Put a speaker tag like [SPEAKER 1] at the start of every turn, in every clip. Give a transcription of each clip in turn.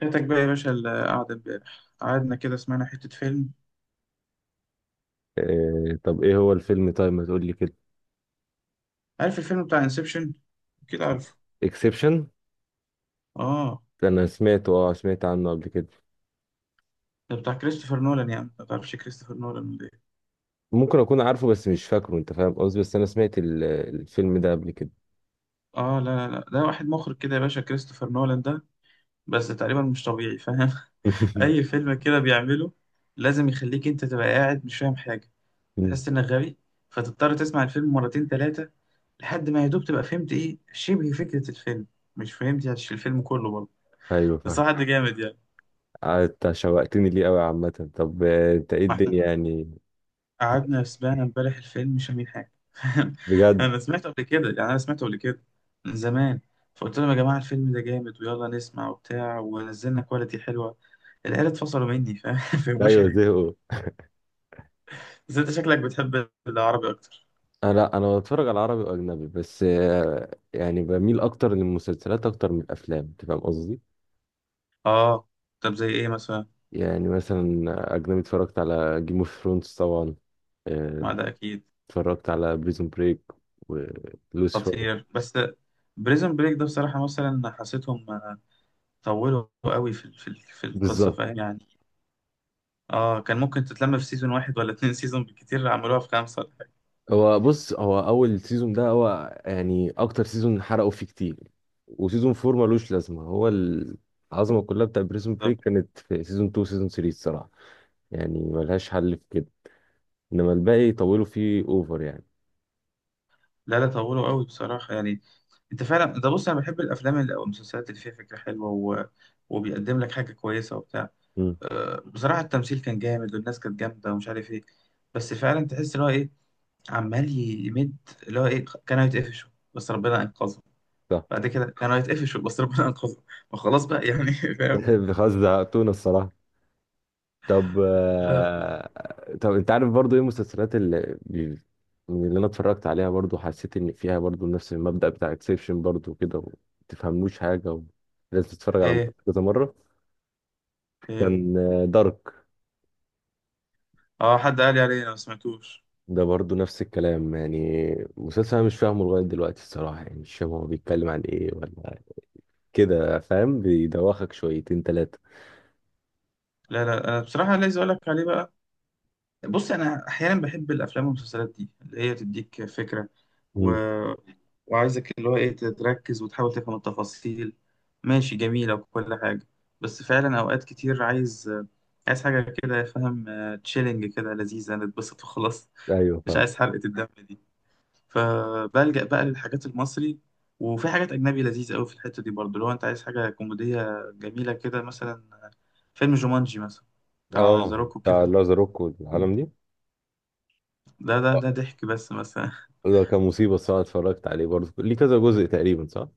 [SPEAKER 1] فاتك بقى يا باشا القعدة امبارح قعدنا كده سمعنا حتة فيلم.
[SPEAKER 2] طب ايه هو الفيلم؟ طيب ما تقول لي كده.
[SPEAKER 1] عارف الفيلم بتاع انسبشن؟ كده عارفه.
[SPEAKER 2] اكسبشن.
[SPEAKER 1] اه،
[SPEAKER 2] انا سمعت عنه قبل كده.
[SPEAKER 1] ده بتاع كريستوفر نولان، يعني ما تعرفش كريستوفر نولان ولا ايه؟
[SPEAKER 2] ممكن اكون عارفه بس مش فاكره، انت فاهم قصدي، بس انا سمعت الفيلم ده قبل كده.
[SPEAKER 1] اه، لا لا لا، ده واحد مخرج كده يا باشا، كريستوفر نولان ده بس تقريبا مش طبيعي، فاهم؟ اي فيلم كده بيعمله لازم يخليك انت تبقى قاعد مش فاهم حاجة.
[SPEAKER 2] مم.
[SPEAKER 1] تحس انك غبي، فتضطر تسمع الفيلم مرتين ثلاثة لحد ما يا دوب تبقى فهمت ايه شبه فكرة الفيلم. مش فهمت يعني الفيلم كله برضه،
[SPEAKER 2] ايوه،
[SPEAKER 1] بس
[SPEAKER 2] فاهم.
[SPEAKER 1] هو حد جامد.
[SPEAKER 2] انت شوقتني ليه قوي عامه. طب، انت ايه
[SPEAKER 1] يعني
[SPEAKER 2] الدنيا يعني؟
[SPEAKER 1] قعدنا سمعنا امبارح الفيلم مش فاهمين حاجة.
[SPEAKER 2] بجد؟
[SPEAKER 1] أنا سمعته قبل كده، يعني أنا سمعته قبل كده، من زمان. فقلت لهم يا جماعة الفيلم ده جامد ويلا نسمع وبتاع، ونزلنا كواليتي حلوة. العيال اتفصلوا مني، فاهم؟ فمش
[SPEAKER 2] ايوه.
[SPEAKER 1] حاجة.
[SPEAKER 2] زهقوا.
[SPEAKER 1] بس أنت شكلك بتحب العربي أكتر.
[SPEAKER 2] لا، انا بتفرج على عربي واجنبي، بس يعني بميل اكتر للمسلسلات اكتر من الافلام، انت فاهم قصدي.
[SPEAKER 1] آه، طب زي إيه مثلا؟
[SPEAKER 2] يعني مثلا، اجنبي اتفرجت على جيم اوف ثرونز طبعا. آه،
[SPEAKER 1] ما ده أكيد.
[SPEAKER 2] اتفرجت على بريزون بريك ولوسيفر.
[SPEAKER 1] خطير، بس بريزون بريك ده بصراحة مثلا حسيتهم طولوا قوي في القصة،
[SPEAKER 2] بالظبط.
[SPEAKER 1] فاهم يعني. آه، كان ممكن تتلم في سيزون واحد ولا اتنين سيزون بالكتير، عملوها في خمسة ولا حاجة.
[SPEAKER 2] هو بص، هو اول سيزون ده هو يعني اكتر سيزون حرقوا فيه كتير، وسيزون فور ملوش لازمه. هو العظمه كلها بتاع بريزون
[SPEAKER 1] بالظبط.
[SPEAKER 2] بريك كانت في سيزون 2 سيزون 3 الصراحه، يعني ملهاش حل في كده، انما الباقي طولوا فيه اوفر يعني.
[SPEAKER 1] لا لا، طولوا قوي بصراحة يعني. انت فعلا ده، بص، انا بحب الافلام اللي او المسلسلات اللي فيها فكرة حلوة وبيقدم لك حاجة كويسة وبتاع.
[SPEAKER 2] امم،
[SPEAKER 1] أه، بصراحة التمثيل كان جامد والناس كانت جامدة ومش عارف ايه، بس فعلا تحس اللي هو ايه، عمال يمد، اللي هو ايه، كانوا يتقفشوا بس ربنا انقذهم.
[SPEAKER 2] صح.
[SPEAKER 1] بعد كده كانوا يتقفشوا بس ربنا انقذهم، فخلاص بقى يعني، فاهم.
[SPEAKER 2] خلاص، زهقتونا الصراحه. طب،
[SPEAKER 1] لا.
[SPEAKER 2] طب انت عارف برضو ايه المسلسلات اللي انا اتفرجت عليها برضو، حسيت ان فيها برضو نفس المبدأ بتاع اكسبشن برضو كده، وما تفهموش حاجة، ولازم تتفرج على
[SPEAKER 1] ايه
[SPEAKER 2] مسلسل كذا مرة.
[SPEAKER 1] ايه
[SPEAKER 2] كان دارك،
[SPEAKER 1] اه، حد قال لي عليه، انا ما سمعتوش.
[SPEAKER 2] ده برضو نفس الكلام يعني. مسلسل انا مش فاهمه لغاية دلوقتي الصراحة، يعني مش فاهم هو بيتكلم عن ايه ولا كده، فاهم؟ بيدوخك شويتين تلاتة.
[SPEAKER 1] لا لا، انا بصراحة عايز اقول لك عليه بقى. بص، انا احيانا بحب الافلام والمسلسلات دي اللي هي تديك فكره، و...
[SPEAKER 2] مم.
[SPEAKER 1] وعايزك اللي هو ايه تركز وتحاول تفهم التفاصيل. ماشي، جميله وكل حاجه، بس فعلا اوقات كتير عايز حاجه كده، فاهم، تشيلنج كده، لذيذه نتبسط وخلاص.
[SPEAKER 2] ايوه،
[SPEAKER 1] مش
[SPEAKER 2] فاهم.
[SPEAKER 1] عايز حرقه الدم دي. فبلجأ بقى للحاجات المصري. وفي حاجات اجنبي لذيذه قوي في الحته دي برضه، لو انت عايز حاجه كوميديه جميله كده، مثلا فيلم جومانجي مثلا، بتاع ذا
[SPEAKER 2] اه،
[SPEAKER 1] روك وكيفن
[SPEAKER 2] بتاع
[SPEAKER 1] هارت.
[SPEAKER 2] لازاروك والعالم دي.
[SPEAKER 1] ده ضحك بس مثلا.
[SPEAKER 2] ده كان مصيبة الصراحة، اتفرجت عليه برضه. ليه كذا جزء تقريبا، صح؟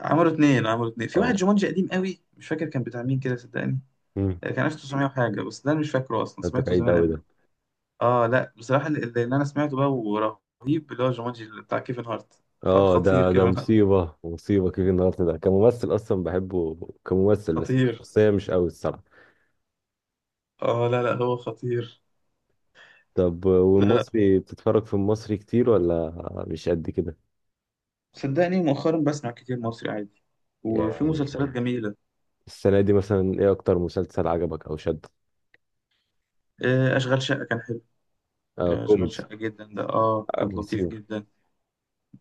[SPEAKER 1] عملوا اتنين، عملوا اتنين في واحد.
[SPEAKER 2] اه.
[SPEAKER 1] جومانجي قديم قوي مش فاكر كان بتاع مين، كده صدقني.
[SPEAKER 2] امم
[SPEAKER 1] آه، كان 1900 وحاجة، بس ده أنا مش فاكره أصلا،
[SPEAKER 2] انت
[SPEAKER 1] سمعته
[SPEAKER 2] بعيد
[SPEAKER 1] زمان
[SPEAKER 2] قوي
[SPEAKER 1] قوي.
[SPEAKER 2] ده.
[SPEAKER 1] اه لا بصراحة اللي أنا سمعته بقى ورهيب اللي هو جومانجي اللي بتاع كيفن هارت،
[SPEAKER 2] اه،
[SPEAKER 1] خطير
[SPEAKER 2] ده
[SPEAKER 1] كيفن هارت.
[SPEAKER 2] مصيبة مصيبة، كيفن هارت ده كممثل اصلا بحبه كممثل، بس
[SPEAKER 1] خطير.
[SPEAKER 2] شخصية مش قوي الصراحة.
[SPEAKER 1] اه لا لا، هو خطير.
[SPEAKER 2] طب،
[SPEAKER 1] لا لا،
[SPEAKER 2] والمصري بتتفرج في المصري كتير، ولا مش قد كده؟
[SPEAKER 1] صدقني مؤخرا بسمع كتير مصري عادي. وفي
[SPEAKER 2] يعني
[SPEAKER 1] مسلسلات جميلة.
[SPEAKER 2] السنة دي مثلا، ايه اكتر مسلسل عجبك او شدك؟
[SPEAKER 1] آه، أشغال شقة كان حلو.
[SPEAKER 2] آه،
[SPEAKER 1] آه، أشغال
[SPEAKER 2] كوميدي.
[SPEAKER 1] شقة جدا ده، اه،
[SPEAKER 2] آه،
[SPEAKER 1] كان لطيف
[SPEAKER 2] مصيبة.
[SPEAKER 1] جدا.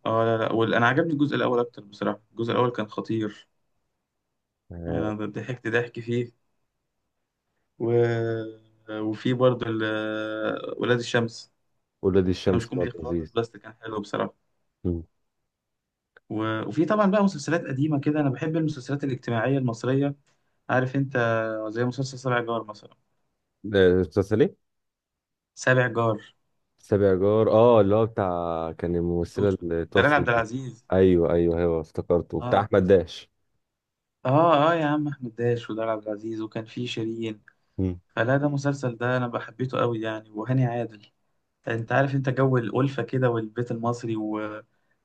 [SPEAKER 1] اه لا لا أنا عجبني الجزء الأول أكتر بصراحة، الجزء الأول كان خطير. أنا
[SPEAKER 2] آه،
[SPEAKER 1] ضحكت ضحك فيه. و... وفي برضه ولاد الشمس.
[SPEAKER 2] ولاد
[SPEAKER 1] انا مش
[SPEAKER 2] الشمس
[SPEAKER 1] كوميدي
[SPEAKER 2] برضه
[SPEAKER 1] خالص
[SPEAKER 2] لذيذ.
[SPEAKER 1] بس كان حلو بصراحه.
[SPEAKER 2] مم.
[SPEAKER 1] وفي طبعا بقى مسلسلات قديمه كده، انا بحب المسلسلات الاجتماعيه المصريه، عارف انت، زي مسلسل سبع جار مثلا.
[SPEAKER 2] ده مسلسل ايه؟
[SPEAKER 1] سابع جار.
[SPEAKER 2] سابع جار، اه، اللي هو بتاع كان الممثلة
[SPEAKER 1] شفتوش ولا
[SPEAKER 2] اللي
[SPEAKER 1] إيه؟ دلال
[SPEAKER 2] توفت
[SPEAKER 1] عبد
[SPEAKER 2] دي.
[SPEAKER 1] العزيز.
[SPEAKER 2] ايوه، ايوه، ايوه، افتكرته بتاع
[SPEAKER 1] اه
[SPEAKER 2] احمد داش.
[SPEAKER 1] اه يا عم، احمد داش ودلال عبد العزيز وكان في شيرين.
[SPEAKER 2] مم.
[SPEAKER 1] فلا، ده مسلسل ده انا بحبيته قوي يعني، وهاني عادل. انت عارف انت جو الألفة كده، والبيت المصري و-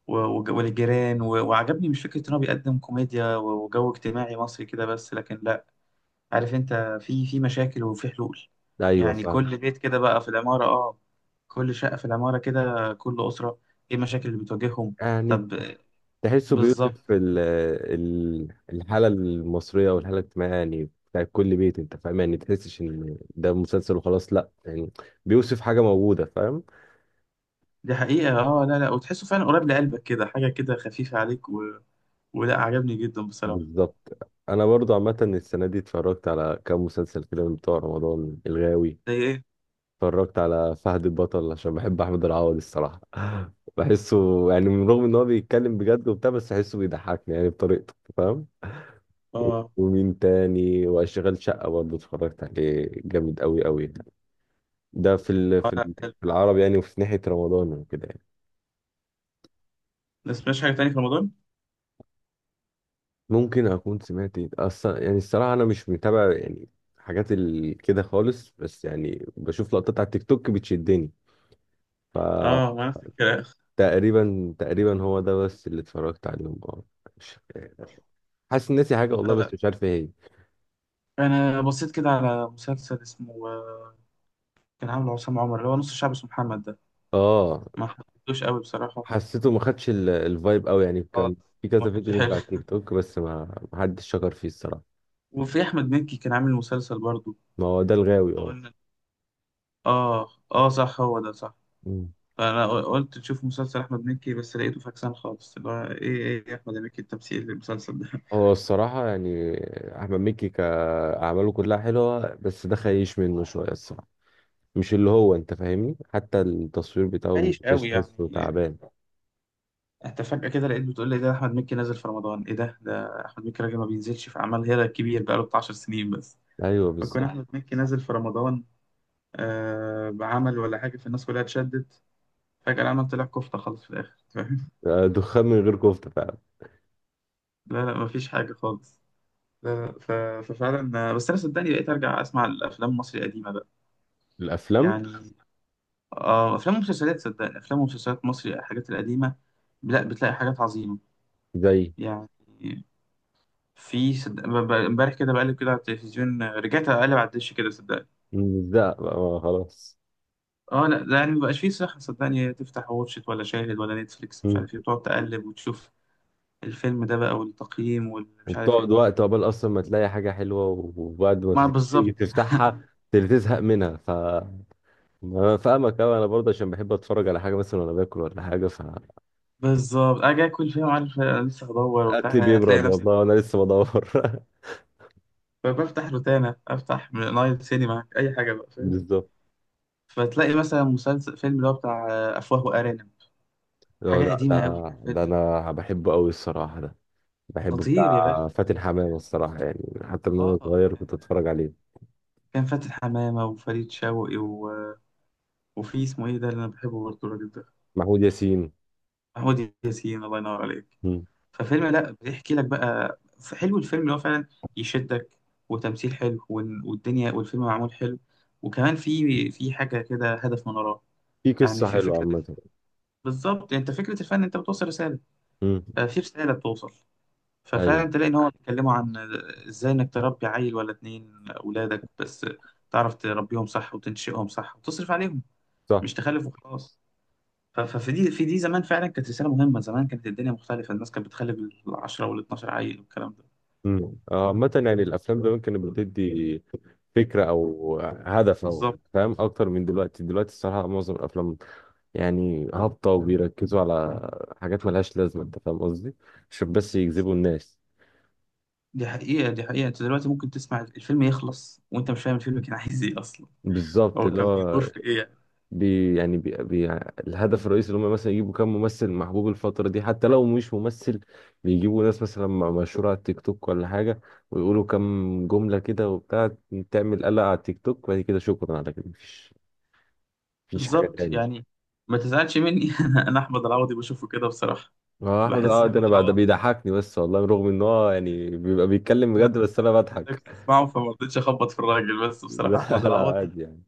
[SPEAKER 1] والجيران، وعجبني مش فكرة إن هو بيقدم كوميديا وجو اجتماعي مصري كده، بس لكن لأ، عارف أنت، في مشاكل وفي حلول.
[SPEAKER 2] ايوه،
[SPEAKER 1] يعني
[SPEAKER 2] فاهم.
[SPEAKER 1] كل بيت كده بقى في العمارة، آه، كل شقة في العمارة كده، كل أسرة إيه المشاكل اللي بتواجههم.
[SPEAKER 2] يعني
[SPEAKER 1] طب.
[SPEAKER 2] تحسه
[SPEAKER 1] بالظبط.
[SPEAKER 2] بيوصف الحالة المصرية والحالة الاجتماعية، يعني بتاع كل بيت، انت فاهم يعني، تحسش ان ده مسلسل وخلاص، لا يعني بيوصف حاجة موجودة، فاهم.
[SPEAKER 1] دي حقيقة. آه لا لا، وتحسه فعلا قريب لقلبك كده، حاجة كده خفيفة عليك، ولا عجبني جدا بصراحة.
[SPEAKER 2] بالظبط. انا برضو عامة السنة دي اتفرجت على كام مسلسل كده من بتوع رمضان الغاوي.
[SPEAKER 1] زي إيه؟
[SPEAKER 2] اتفرجت على فهد البطل، عشان بحب احمد العوضي الصراحه. بحسه، يعني من رغم ان هو بيتكلم بجد وبتاع، بس بحسه بيضحكني يعني بطريقته، فاهم. و-
[SPEAKER 1] آه.
[SPEAKER 2] ومين تاني؟ واشغال شقه برضه اتفرجت عليه، جامد قوي قوي. ده
[SPEAKER 1] آه لا حلو.
[SPEAKER 2] في العربي يعني، وفي ناحيه رمضان وكده يعني.
[SPEAKER 1] ما سمعتش حاجة تانية في رمضان؟
[SPEAKER 2] ممكن اكون سمعت اصلا يعني، الصراحه انا مش متابع يعني حاجات كده خالص، بس يعني بشوف لقطات على التيك توك بتشدني، فتقريبا،
[SPEAKER 1] آه ما نفس الكلام.
[SPEAKER 2] تقريبا هو ده بس اللي اتفرجت عليهم. اه. حاسس إن ناسي حاجه والله، بس
[SPEAKER 1] لا،
[SPEAKER 2] مش عارف ايه هي، إيه.
[SPEAKER 1] انا بصيت كده على مسلسل اسمه، كان عامل عصام عمر، اللي هو نص الشعب اسمه محمد ده.
[SPEAKER 2] اه،
[SPEAKER 1] ما حبيتوش قوي بصراحة.
[SPEAKER 2] حسيته ما خدش الفايب قوي يعني،
[SPEAKER 1] خالص.
[SPEAKER 2] كان في
[SPEAKER 1] ما
[SPEAKER 2] كذا
[SPEAKER 1] كانش
[SPEAKER 2] فيديو نزل على التيك
[SPEAKER 1] حلو.
[SPEAKER 2] توك، بس ما حدش شكر فيه الصراحه.
[SPEAKER 1] وفي أحمد مكي كان عامل مسلسل برضو.
[SPEAKER 2] ما هو ده الغاوي، اه.
[SPEAKER 1] قلنا. آه آه صح، هو ده صح.
[SPEAKER 2] مم.
[SPEAKER 1] فأنا قلت تشوف مسلسل أحمد مكي، بس لقيته فاكسان خالص اللي هو إيه، إيه يا أحمد مكي التمثيل المسلسل ده؟
[SPEAKER 2] هو الصراحه يعني، احمد مكي كاعماله كلها حلوه، بس ده خيش منه شويه الصراحه. مش اللي هو، انت فاهمني، حتى التصوير بتاعه
[SPEAKER 1] عايش
[SPEAKER 2] المونتاج
[SPEAKER 1] قوي
[SPEAKER 2] تحسه
[SPEAKER 1] يعني.
[SPEAKER 2] تعبان.
[SPEAKER 1] أنت فجأة كده لقيت بتقول لي ده أحمد مكي نازل في رمضان، إيه ده أحمد مكي راجل ما بينزلش في أعمال، هيرا كبير بقاله بتاع 10 سنين بس.
[SPEAKER 2] ايوه،
[SPEAKER 1] فكون
[SPEAKER 2] بالظبط.
[SPEAKER 1] أحمد مكي نازل في رمضان، آه، بعمل ولا حاجة، فالناس كلها اتشدت. فجأة العمل طلع كفتة خالص في الآخر، فاهم.
[SPEAKER 2] دخان من غير كفته فعلا.
[SPEAKER 1] لا لا، مفيش حاجة خالص. لا لا، ففعلا، بس أنا صدقني بقيت أرجع أسمع الأفلام المصري القديمة بقى.
[SPEAKER 2] الافلام
[SPEAKER 1] يعني آه، أفلام ومسلسلات، صدقني، أفلام ومسلسلات مصري الحاجات القديمة، لا بتلاقي حاجات عظيمة.
[SPEAKER 2] زي
[SPEAKER 1] يعني في امبارح كده بقلب كده على التلفزيون، رجعت أقلب على الدش كده صدقني.
[SPEAKER 2] مش ده بقى، خلاص.
[SPEAKER 1] اه لا، ده يعني مبقاش فيه صحة، صدقني، تفتح واتشت ولا شاهد ولا نتفليكس مش عارف ايه، وتقعد تقلب وتشوف الفيلم ده بقى والتقييم والمش عارف
[SPEAKER 2] وبتقعد
[SPEAKER 1] ايه.
[SPEAKER 2] وقت عقبال اصلا ما تلاقي حاجه حلوه، وبعد ما
[SPEAKER 1] ما بالظبط.
[SPEAKER 2] تيجي تفتحها تزهق منها، ف انا فاهمك قوي، انا برضه عشان بحب اتفرج على حاجه مثلا وانا باكل ولا حاجه، فاكلي
[SPEAKER 1] بالظبط، اجي اكل فيهم عارف لسه هدور وبتاع، هتلاقي
[SPEAKER 2] بيبرد
[SPEAKER 1] نفسك
[SPEAKER 2] والله وانا
[SPEAKER 1] خلاص.
[SPEAKER 2] لسه بدور.
[SPEAKER 1] فبفتح روتانا، افتح نايل سينما، اي حاجه بقى، فاهم.
[SPEAKER 2] بالظبط.
[SPEAKER 1] فتلاقي مثلا مسلسل، فيلم اللي هو بتاع، آه، افواه وارانب.
[SPEAKER 2] ده
[SPEAKER 1] حاجه
[SPEAKER 2] ده ده
[SPEAKER 1] قديمه قوي الفيلم
[SPEAKER 2] ده
[SPEAKER 1] ده.
[SPEAKER 2] انا بحبه قوي الصراحه، ده بحبه
[SPEAKER 1] خطير يا
[SPEAKER 2] بتاع
[SPEAKER 1] باشا
[SPEAKER 2] فاتن حمامه
[SPEAKER 1] خطير.
[SPEAKER 2] الصراحه، يعني حتى من وانا
[SPEAKER 1] اه،
[SPEAKER 2] صغير
[SPEAKER 1] كان،
[SPEAKER 2] كنت اتفرج عليه.
[SPEAKER 1] كان فاتن حمامه وفريد شوقي وفي اسمه ايه ده اللي انا بحبه برضه الراجل ده.
[SPEAKER 2] محمود ياسين.
[SPEAKER 1] محمود ياسين، الله ينور عليك.
[SPEAKER 2] مم.
[SPEAKER 1] ففيلم لا، بيحكي لك بقى، حلو الفيلم اللي هو فعلا يشدك، وتمثيل حلو والدنيا، والفيلم معمول حلو. وكمان في حاجه كده، هدف من وراه.
[SPEAKER 2] في
[SPEAKER 1] يعني
[SPEAKER 2] قصه
[SPEAKER 1] في
[SPEAKER 2] حلوه
[SPEAKER 1] فكره.
[SPEAKER 2] عامه.
[SPEAKER 1] بالظبط، انت فكره الفن انت بتوصل رساله.
[SPEAKER 2] مم.
[SPEAKER 1] آه، في رساله بتوصل.
[SPEAKER 2] ايوه،
[SPEAKER 1] ففعلا تلاقي ان هو بيتكلموا عن ازاي انك تربي عيل ولا اتنين اولادك بس، تعرف تربيهم صح وتنشئهم صح وتصرف عليهم،
[SPEAKER 2] صح.
[SPEAKER 1] مش تخلف وخلاص. ففي دي في دي زمان فعلا كانت رساله مهمه، زمان كانت الدنيا مختلفه، الناس كانت بتخلف ال 10 وال 12 عيل والكلام ده.
[SPEAKER 2] مم. عامة يعني الأفلام زمان كانت بتدي فكره او هدف او،
[SPEAKER 1] بالظبط.
[SPEAKER 2] فاهم، اكتر من دلوقتي. دلوقتي الصراحه معظم الافلام يعني هابطه، وبيركزوا على حاجات ملهاش لازمه، انت فاهم قصدي، عشان بس يجذبوا الناس.
[SPEAKER 1] دي حقيقة انت دلوقتي ممكن تسمع الفيلم يخلص وانت مش فاهم الفيلم كان عايز ايه اصلا،
[SPEAKER 2] بالظبط.
[SPEAKER 1] هو
[SPEAKER 2] اللي
[SPEAKER 1] كان بيدور
[SPEAKER 2] هو
[SPEAKER 1] في ايه يعني.
[SPEAKER 2] بي يعني بي بي الهدف الرئيسي اللي هم مثلا يجيبوا كام ممثل محبوب الفتره دي، حتى لو مش ممثل بيجيبوا ناس مثلا مشهوره على التيك توك ولا حاجه، ويقولوا كام جمله كده وبتاع، تعمل قلق على التيك توك، وبعد كده شكرا على كده، مفيش حاجه
[SPEAKER 1] بالظبط،
[SPEAKER 2] تاني.
[SPEAKER 1] يعني. ما تزعلش مني، أنا احمد العوضي بشوفه كده بصراحة.
[SPEAKER 2] اه، احمد،
[SPEAKER 1] بحس
[SPEAKER 2] ده
[SPEAKER 1] احمد
[SPEAKER 2] انا بقى، ده
[SPEAKER 1] العوضي،
[SPEAKER 2] بيضحكني بس والله، رغم ان هو يعني بيبقى بيتكلم بجد،
[SPEAKER 1] انا
[SPEAKER 2] بس انا
[SPEAKER 1] انا لقيتك
[SPEAKER 2] بضحك.
[SPEAKER 1] تسمعه فما رضيتش اخبط في الراجل، بس
[SPEAKER 2] لا،
[SPEAKER 1] بصراحة احمد
[SPEAKER 2] لا
[SPEAKER 1] العوضي،
[SPEAKER 2] عادي يعني.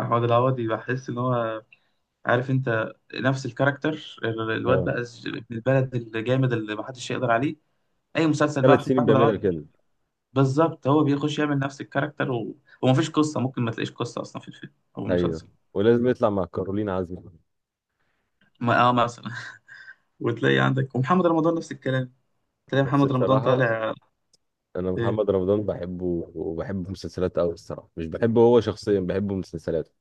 [SPEAKER 1] احمد العوضي بحس ان هو، عارف انت، نفس الكاركتر، الواد
[SPEAKER 2] اه،
[SPEAKER 1] بقى ابن البلد الجامد اللي محدش يقدر عليه. اي مسلسل بقى،
[SPEAKER 2] ثلاث
[SPEAKER 1] حط
[SPEAKER 2] سنين
[SPEAKER 1] احمد العوضي.
[SPEAKER 2] بيعملها كده.
[SPEAKER 1] بالظبط، هو بيخش يعمل نفس الكاركتر، ومفيش قصة، ممكن ما تلاقيش قصة أصلا في الفيلم أو
[SPEAKER 2] ايوه،
[SPEAKER 1] المسلسل.
[SPEAKER 2] ولازم يطلع مع كارولين عزمي.
[SPEAKER 1] ما اه مثلا. وتلاقي عندك ومحمد رمضان نفس الكلام، تلاقي
[SPEAKER 2] بس
[SPEAKER 1] محمد رمضان
[SPEAKER 2] الصراحه،
[SPEAKER 1] طالع.
[SPEAKER 2] انا
[SPEAKER 1] إيه؟
[SPEAKER 2] محمد رمضان بحبه وبحب مسلسلاته قوي الصراحه، مش بحبه هو شخصيا، بحب مسلسلاته.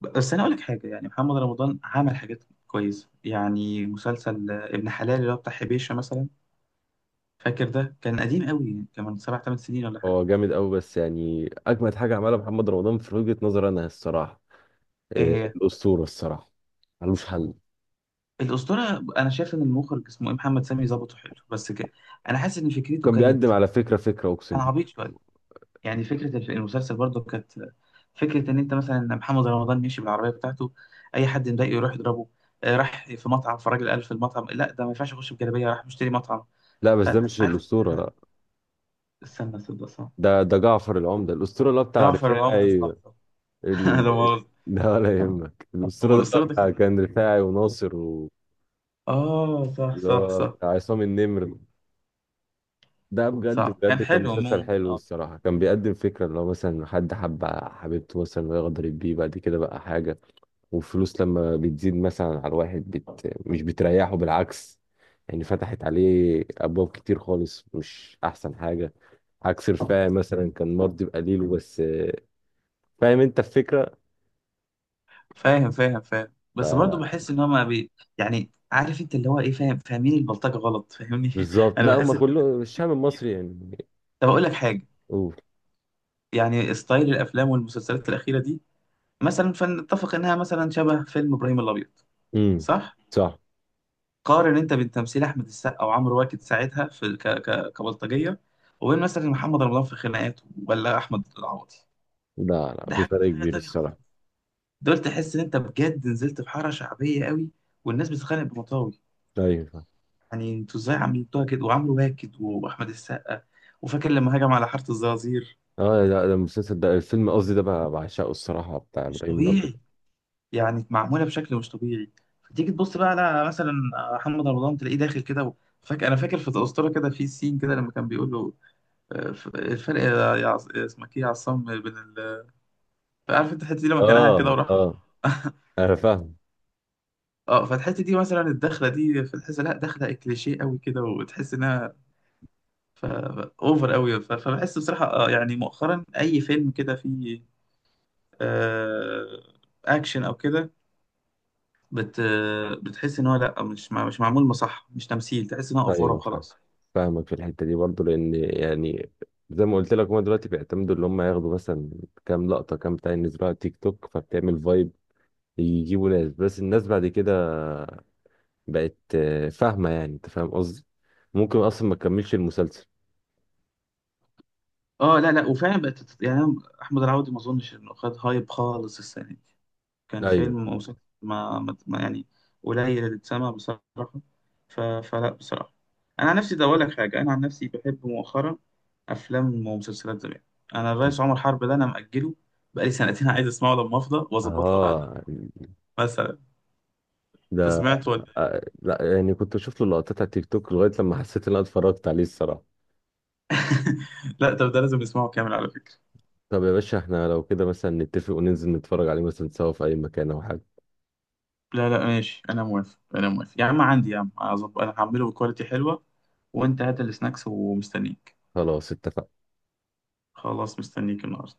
[SPEAKER 1] بس أنا أقول لك حاجة، يعني محمد رمضان عمل حاجات كويسة، يعني مسلسل، آه، ابن حلال اللي هو بتاع حبيشة مثلا، فاكر ده كان قديم قوي يعني، كان من سبع ثمان سنين ولا حاجة.
[SPEAKER 2] هو جامد قوي، بس يعني اجمد حاجه عملها محمد رمضان في وجهه نظري انا الصراحه، إيه،
[SPEAKER 1] آه.
[SPEAKER 2] الاسطوره الصراحه، ملوش حل.
[SPEAKER 1] الأسطورة أنا شايف إن المخرج اسمه إيه، محمد سامي، ظبطه حلو، بس أنا حاسس إن فكرته
[SPEAKER 2] كان بيقدم
[SPEAKER 1] كانت،
[SPEAKER 2] على فكره، فكره اقسم
[SPEAKER 1] كان
[SPEAKER 2] بالله.
[SPEAKER 1] عبيط شوية، يعني فكرة المسلسل برضو كانت، فكرة إن أنت مثلا محمد رمضان يمشي بالعربية بتاعته، أي حد مضايقه يروح يضربه. آه، راح في مطعم، فالراجل قال في المطعم لا، ده ما ينفعش أخش بجلابية، راح مشتري مطعم.
[SPEAKER 2] لا بس ده مش
[SPEAKER 1] فعارف،
[SPEAKER 2] الاسطوره، لا.
[SPEAKER 1] استنى، صدق، صح.
[SPEAKER 2] ده جعفر العمدة. الأسطورة اللي هو بتاع
[SPEAKER 1] جعفر عمدة،
[SPEAKER 2] رفاعي.
[SPEAKER 1] صح. لا
[SPEAKER 2] ال...
[SPEAKER 1] مؤاخذة.
[SPEAKER 2] ده ولا يهمك.
[SPEAKER 1] أم
[SPEAKER 2] الأسطورة ده اللي هو
[SPEAKER 1] الأسطورة ده
[SPEAKER 2] بتاع
[SPEAKER 1] كان،
[SPEAKER 2] كان رفاعي وناصر
[SPEAKER 1] آه صح
[SPEAKER 2] اللي
[SPEAKER 1] صح
[SPEAKER 2] هو
[SPEAKER 1] صح
[SPEAKER 2] بتاع عصام النمر. ده بجد
[SPEAKER 1] صح كان
[SPEAKER 2] بجد كان
[SPEAKER 1] حلو،
[SPEAKER 2] مسلسل
[SPEAKER 1] ممكن
[SPEAKER 2] حلو
[SPEAKER 1] آه شوية.
[SPEAKER 2] الصراحة، كان بيقدم فكرة اللي هو مثلا حد حب حبيبته مثلا، ويقدر يبيه بعد كده بقى حاجة. والفلوس لما بتزيد مثلا على الواحد مش بتريحه، بالعكس يعني. فتحت عليه أبواب كتير خالص، مش أحسن حاجة. عكس رفاعي مثلا كان مرضي بقليله بس، فاهم انت الفكرة؟
[SPEAKER 1] فاهم بس برضو بحس إن هما بي، يعني عارف أنت اللي هو إيه، فاهم فاهمين البلطجة غلط، فاهمني،
[SPEAKER 2] بالظبط.
[SPEAKER 1] أنا
[SPEAKER 2] لا هم
[SPEAKER 1] بحس.
[SPEAKER 2] كله الشعب المصري يعني.
[SPEAKER 1] طب أقول لك حاجة،
[SPEAKER 2] قول.
[SPEAKER 1] يعني ستايل الافلام والمسلسلات الاخيره دي، مثلا فنتفق انها مثلا شبه فيلم ابراهيم الابيض.
[SPEAKER 2] امم،
[SPEAKER 1] صح.
[SPEAKER 2] صح.
[SPEAKER 1] قارن انت بين تمثيل احمد السقا وعمرو واكد ساعتها في كبلطجيه، وبين مثلا محمد رمضان في خناقات، ولا احمد العوضي.
[SPEAKER 2] لا، لا،
[SPEAKER 1] ده
[SPEAKER 2] في
[SPEAKER 1] حاجه، ده
[SPEAKER 2] فرق
[SPEAKER 1] حاجه
[SPEAKER 2] كبير
[SPEAKER 1] تانية خالص.
[SPEAKER 2] الصراحه.
[SPEAKER 1] دول تحس ان انت بجد نزلت في حاره شعبيه قوي، والناس بتتخانق بمطاوي.
[SPEAKER 2] ايوه، فاهم.
[SPEAKER 1] يعني انتوا ازاي عملتوها كده؟ وعمرو واكد واحمد السقا وفاكر لما هجم على حاره الزرازير.
[SPEAKER 2] اه لا، ده المسلسل، ده الفيلم قصدي، ده بقى بعشقه الصراحه بتاع
[SPEAKER 1] مش
[SPEAKER 2] ابراهيم الابيض.
[SPEAKER 1] طبيعي، يعني معموله بشكل مش طبيعي. فتيجي تبص بقى على مثلا محمد رمضان، تلاقيه داخل كده. فاكر انا في الاسطوره كده، في سين كده لما كان بيقول له، آه، الفرق يا اسمك ايه يا عصام بين عارف انت الحته دي لما كان قاعد كده
[SPEAKER 2] اه،
[SPEAKER 1] وراح.
[SPEAKER 2] اه، انا فاهم.
[SPEAKER 1] اه، فالحته دي مثلا الدخله دي، فتحس لا دخله كليشيه قوي كده وتحس انها ف... اوفر قوي، فبحس بصراحه آه، يعني مؤخرا اي فيلم كده فيه، آه، اكشن او كده، بت بتحس ان هو لا، مش مش معمول مصح، مش تمثيل، تحس ان هو افوره
[SPEAKER 2] ايوه،
[SPEAKER 1] وخلاص.
[SPEAKER 2] فاهمك في الحته دي برضه، لان يعني زي ما قلت لك، هم دلوقتي بيعتمدوا اللي هم ياخدوا مثلا كام لقطه، كام بتاع ينزلوها على تيك توك، فبتعمل فايب. يجيبوا ناس، بس الناس بعد كده بقت فاهمه يعني، انت فاهم قصدي، ممكن اصلا ما تكملش المسلسل.
[SPEAKER 1] اه لا لا، وفعلا بقت يعني أنا، احمد العوضي ما اظنش انه خد هايب خالص السنه دي، كان
[SPEAKER 2] ايوه،
[SPEAKER 1] فيلم ومسلسل يعني قليل اللي اتسمع بصراحه. فلا بصراحه، انا عن نفسي ده اقول لك حاجه، انا عن نفسي بحب مؤخرا افلام ومسلسلات زمان. انا الرئيس عمر حرب ده انا ماجله، بقالي سنتين عايز اسمعه لما افضى واظبط له قعده
[SPEAKER 2] اه،
[SPEAKER 1] مثلا. انت
[SPEAKER 2] ده،
[SPEAKER 1] سمعت ولا؟
[SPEAKER 2] لا يعني كنت بشوف له لقطات على التيك توك لغايه لما حسيت ان انا اتفرجت عليه الصراحه.
[SPEAKER 1] لا، طب ده لازم نسمعه كامل على فكره.
[SPEAKER 2] طب يا باشا، احنا لو كده مثلا نتفق وننزل نتفرج عليه مثلا سوا في اي مكان او حاجه؟
[SPEAKER 1] لا لا ماشي، انا موافق انا موافق يا عم، عندي يا عم، هظبط، انا هعمله بكواليتي حلوه، وانت هات السناكس ومستنيك.
[SPEAKER 2] خلاص اتفقنا.
[SPEAKER 1] خلاص، مستنيك النهارده.